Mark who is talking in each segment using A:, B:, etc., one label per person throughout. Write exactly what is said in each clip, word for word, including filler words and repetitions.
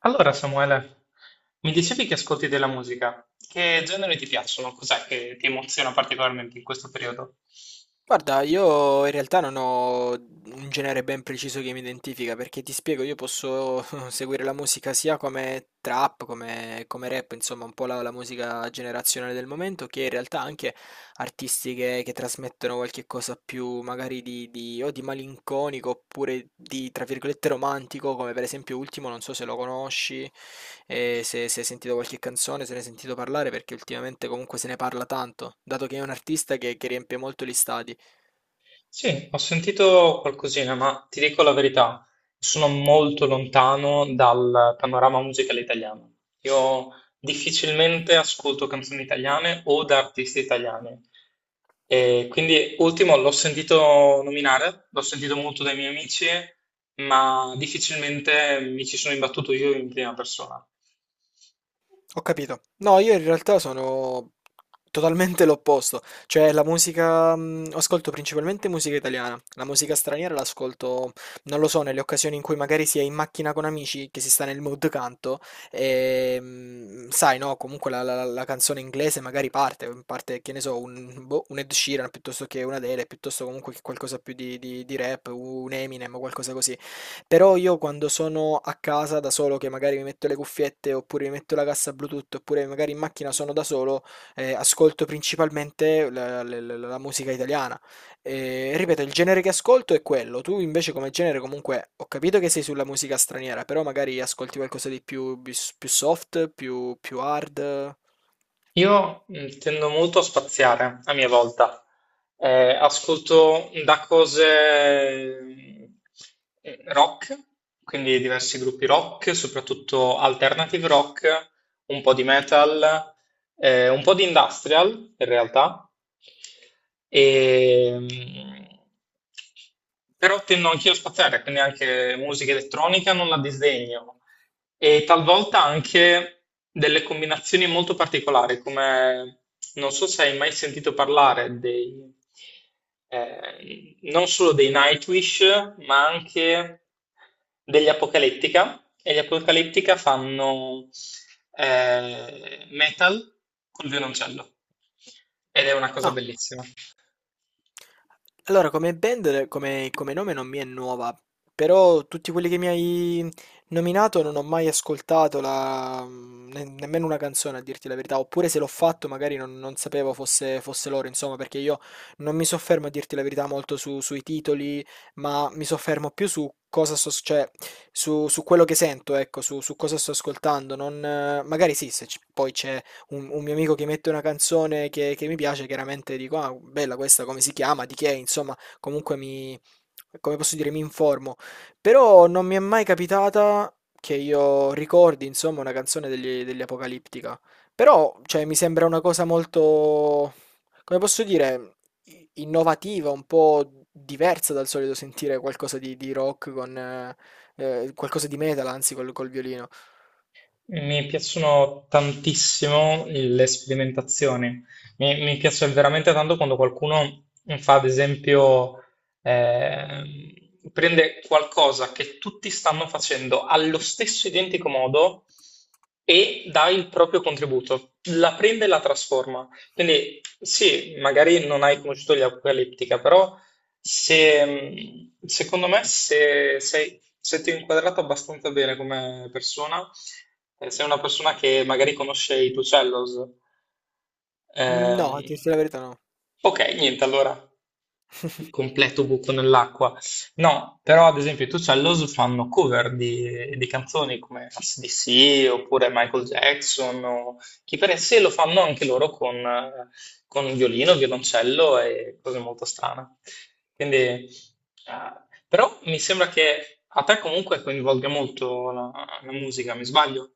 A: Allora, Samuele, mi dicevi che ascolti della musica. Che generi ti piacciono? Cos'è che ti emoziona particolarmente in questo periodo?
B: Guarda, io in realtà non ho un genere ben preciso che mi identifica, perché ti spiego, io posso seguire la musica sia come trap, come, come rap, insomma, un po' la, la musica generazionale del momento, che in realtà anche artisti che, che trasmettono qualche cosa più magari di, di- o di malinconico oppure di, tra virgolette, romantico, come per esempio Ultimo, non so se lo conosci, e se, se hai sentito qualche canzone, se ne hai sentito parlare, perché ultimamente comunque se ne parla tanto, dato che è un artista che che riempie molto gli stadi.
A: Sì, ho sentito qualcosina, ma ti dico la verità, sono molto lontano dal panorama musicale italiano. Io difficilmente ascolto canzoni italiane o da artisti italiani. E quindi, ultimo, l'ho sentito nominare, l'ho sentito molto dai miei amici, ma difficilmente mi ci sono imbattuto io in prima persona.
B: Ho capito. No, io in realtà sono totalmente l'opposto. Cioè, la musica, mh, ascolto principalmente musica italiana. La musica straniera l'ascolto, non lo so, nelle occasioni in cui magari si è in macchina con amici, che si sta nel mood canto, e mh, sai, no, comunque la, la- la canzone inglese magari parte, parte, che ne so, un, boh, un Ed Sheeran piuttosto che un Adele, piuttosto comunque che qualcosa più di, di di rap, un Eminem o qualcosa così. Però io quando sono a casa da solo, che magari mi metto le cuffiette, oppure mi metto la cassa Bluetooth, oppure magari in macchina sono da solo, eh, ascolto principalmente la, la- la- la musica italiana. E, ripeto, il genere che ascolto è quello. Tu invece come genere comunque ho capito che sei sulla musica straniera, però magari ascolti qualcosa di più, bis- più soft, più, più hard.
A: Io mm, tendo molto a spaziare a mia volta. Eh, ascolto da cose mm, eh, rock, quindi diversi gruppi rock, soprattutto alternative rock, un po' di metal, eh, un po' di industrial in realtà. E, mm, Però tendo anch'io a spaziare, quindi anche musica elettronica non la disdegno e talvolta anche delle combinazioni molto particolari, come non so se hai mai sentito parlare dei, eh, non solo dei Nightwish, ma anche degli Apocalyptica, e gli Apocalyptica fanno eh, metal col violoncello, ed è una cosa
B: Ah,
A: bellissima.
B: allora, come band, come, come nome non mi è nuova, però tutti quelli che mi hai nominato non ho mai ascoltato la- ne- nemmeno una canzone, a dirti la verità, oppure se l'ho fatto magari non, non sapevo fosse, fosse loro, insomma, perché io non mi soffermo a dirti la verità molto su- sui titoli, ma mi soffermo più su cosa sto, cioè, su, su quello che sento, ecco, su, su cosa sto ascoltando, non, eh, magari sì, se c- poi c'è un, un mio amico che mette una canzone che, che mi piace, chiaramente dico, ah, bella questa, come si chiama, di che, è?", insomma, comunque mi, come posso dire, mi informo. Però non mi è mai capitata che io ricordi, insomma, una canzone degli, degli Apocalittica. Però, cioè, mi sembra una cosa molto, come posso dire, i- innovativa, un po' diversa dal solito sentire qualcosa di, di rock con... eh, eh, qualcosa di metal, anzi, col, col violino.
A: Mi piacciono tantissimo le sperimentazioni, mi, mi piace veramente tanto quando qualcuno fa, ad esempio, ehm, prende qualcosa che tutti stanno facendo allo stesso identico modo e dà il proprio contributo, la prende e la trasforma. Quindi sì, magari non hai conosciuto gli Apocalyptica, però se, mh, secondo me, se, sei- se ti ho inquadrato abbastanza bene come persona, eh, sei una persona che magari conosce i tuoi cellos. Ehm,
B: No, a dirti la verità, no.
A: ok, niente, allora completo buco nell'acqua. No, però ad esempio i Two Cellos fanno cover di, di canzoni come A C/D C oppure Michael Jackson o chi per sé lo fanno anche loro con, eh, con violino, violoncello e cose molto strane. Quindi, eh, Però mi sembra che a te comunque coinvolga molto la, la musica, mi sbaglio?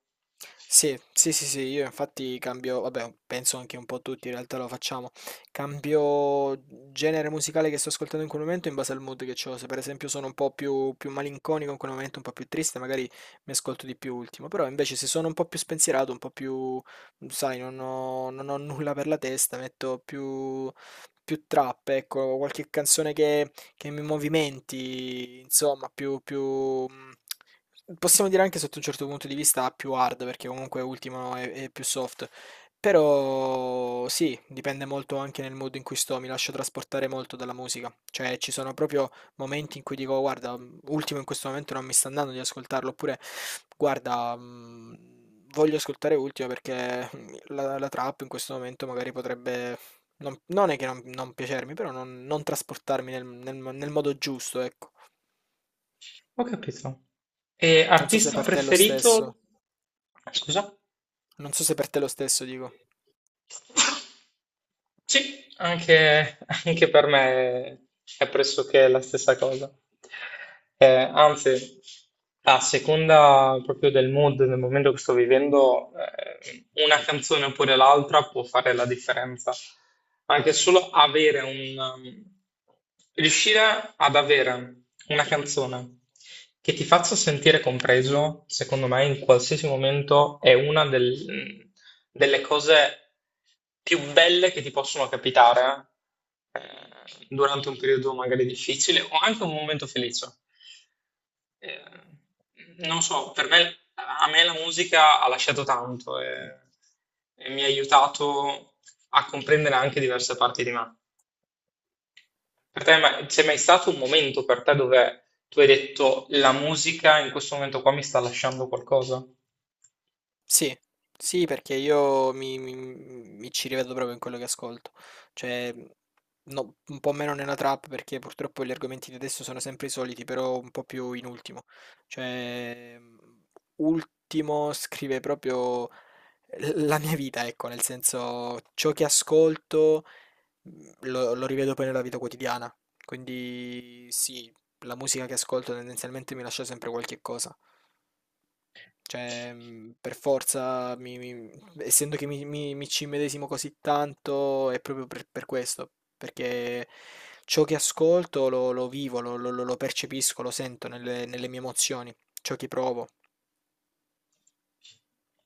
B: Sì, sì, sì, sì, io infatti cambio, vabbè, penso anche un po' tutti in realtà lo facciamo, cambio genere musicale che sto ascoltando in quel momento in base al mood che ho, se per esempio sono un po' più, più malinconico in quel momento, un po' più triste, magari mi ascolto di più ultimo, però invece se sono un po' più spensierato, un po' più, sai, non ho, non ho nulla per la testa, metto più, più trap, ecco, qualche canzone che, che mi movimenti, insomma, più, più... Possiamo dire anche sotto un certo punto di vista più hard, perché comunque Ultimo è, è più soft. Però sì, dipende molto anche nel modo in cui sto, mi lascio trasportare molto dalla musica. Cioè, ci sono proprio momenti in cui dico, guarda, Ultimo in questo momento non mi sta andando di ascoltarlo, oppure guarda, mh, voglio ascoltare Ultimo perché la, la trap in questo momento magari potrebbe... Non, non è che non, non piacermi, però non, non trasportarmi nel, nel nel modo giusto, ecco.
A: Ho capito. E
B: Non so se
A: artista
B: per te è lo
A: preferito?
B: stesso.
A: Scusa?
B: Non so se per te lo stesso dico.
A: Sì, anche, anche per me è pressoché la stessa cosa. Eh, anzi, a seconda proprio del mood, del momento che sto vivendo, eh, una canzone oppure l'altra può fare la differenza. Anche solo avere un, Riuscire ad avere una canzone che ti faccia sentire compreso, secondo me, in qualsiasi momento è una del- delle cose più belle che ti possono capitare eh, durante un periodo magari difficile o anche un momento felice. Eh, Non so, per me, a me la musica ha lasciato tanto e, e mi ha aiutato a comprendere anche diverse parti di me. Per te ma- c'è mai stato un momento per te dove tu hai detto la musica in questo momento qua mi sta lasciando qualcosa?
B: Sì, sì, perché io mi, mi- mi ci rivedo proprio in quello che ascolto. Cioè, no, un po' meno nella trap perché purtroppo gli argomenti di adesso sono sempre i soliti, però un po' più in ultimo. Cioè, ultimo scrive proprio la mia vita, ecco, nel senso ciò che ascolto mh, lo, lo rivedo poi nella vita quotidiana. Quindi sì, la musica che ascolto tendenzialmente mi lascia sempre qualche cosa. Cioè, mh, per forza, mi- mi- essendo che mi, mi- mi ci immedesimo così tanto, è proprio per, per questo, perché ciò che ascolto lo, lo vivo, lo, lo- lo percepisco, lo sento nelle, nelle mie emozioni, ciò che provo.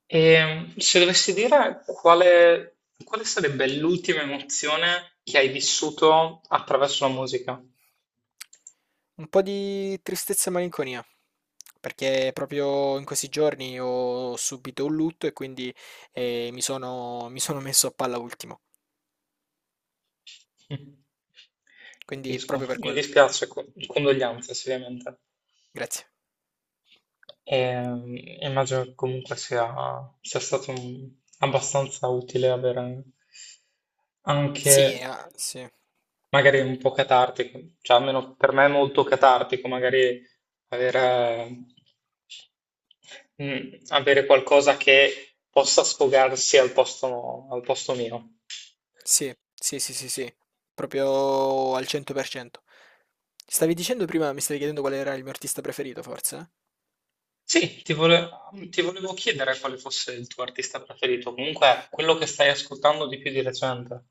A: E se dovessi dire quale, quale sarebbe l'ultima emozione che hai vissuto attraverso la musica?
B: Un po' di tristezza e malinconia, perché proprio in questi giorni ho subito un lutto e quindi eh, mi sono, mi sono messo a palla ultimo.
A: Mm,
B: Quindi
A: capisco,
B: proprio per
A: mi
B: quello.
A: dispiace, co- condoglianze ovviamente.
B: Grazie.
A: Ehm, Immagino che comunque sia, sia stato un- abbastanza utile avere anche
B: Sì, ah, sì.
A: magari un po' catartico, cioè almeno per me è molto catartico, magari aver, eh, mm, avere qualcosa che possa sfogarsi al posto, al posto mio.
B: Sì, sì, sì, sì, sì, proprio al cento per cento. Stavi dicendo prima, mi stavi chiedendo qual era il mio artista preferito, forse?
A: Sì, ti vole- ti volevo chiedere quale fosse il tuo artista preferito, comunque quello che stai ascoltando di più di recente.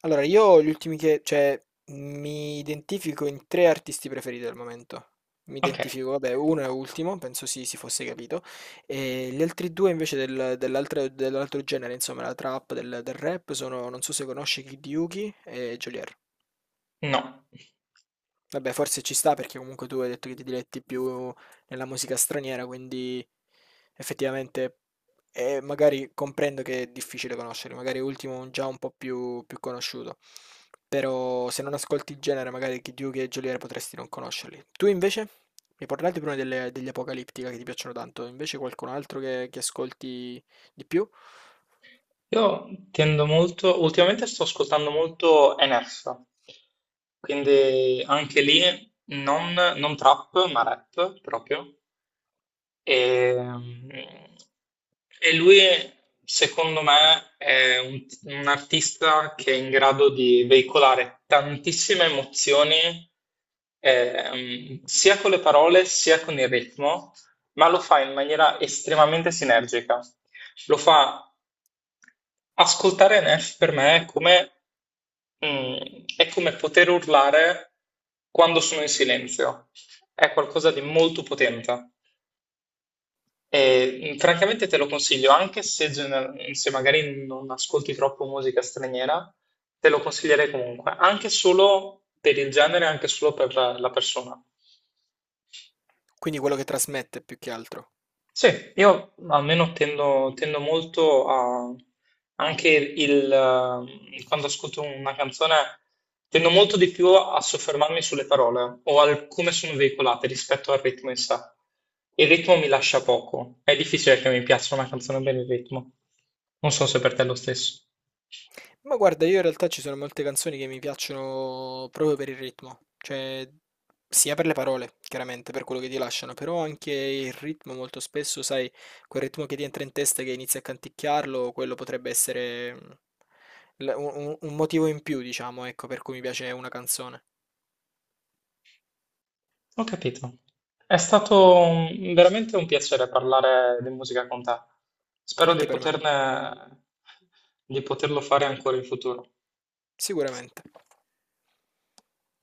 B: Allora, io gli ultimi che, cioè, mi identifico in tre artisti preferiti al momento. Mi
A: Ok,
B: identifico, vabbè, uno è ultimo, penso si si fosse capito, e gli altri due invece del- dell'altro dell'altro genere, insomma, la trap, del, del rap, sono, non so se conosci Kid Yuki e Geolier.
A: no.
B: Vabbè, forse ci sta perché comunque tu hai detto che ti diletti più nella musica straniera, quindi effettivamente eh, magari comprendo che è difficile conoscere, magari Ultimo è un- già un po' più, più conosciuto, però se non ascolti il genere magari Kid Yugi e Geolier potresti non conoscerli. Tu invece? Mi parlate prima delle- degli Apocalittica che ti piacciono tanto, invece qualcun altro che, che ascolti di più?
A: Io tendo molto, ultimamente sto ascoltando molto N F, quindi anche lì non, non trap ma rap proprio, e, e lui, secondo me, è un, un artista che è in grado di veicolare tantissime emozioni, ehm, sia con le parole sia con il ritmo, ma lo fa in maniera estremamente sinergica. Lo fa ascoltare Neff per me è come, mm, è come poter urlare quando sono in silenzio. È qualcosa di molto potente. E, mh, francamente te lo consiglio, anche se, gener- se magari non ascolti troppo musica straniera, te lo consiglierei comunque, anche solo per il genere, anche solo per la la persona.
B: Quindi quello che trasmette più che altro.
A: Sì, io almeno tendo, tendo molto a... anche il... eh, quando ascolto una canzone, tendo molto di più a soffermarmi sulle parole o al come sono veicolate rispetto al ritmo in sé. Il ritmo mi lascia poco, è difficile che mi piaccia una canzone per il ritmo. Non so se per te è lo stesso.
B: Ma guarda, io in realtà ci sono molte canzoni che mi piacciono proprio per il ritmo, cioè sia per le parole, chiaramente, per quello che ti lasciano, però anche il ritmo molto spesso, sai, quel ritmo che ti entra in testa e che inizi a canticchiarlo, quello potrebbe essere mm, l- un, un- un motivo in più, diciamo, ecco, per cui mi piace una canzone.
A: Ho capito. È stato un- veramente un piacere parlare di musica con te. Spero di
B: Anche per me,
A: poterne, di poterlo fare ancora in futuro.
B: sicuramente.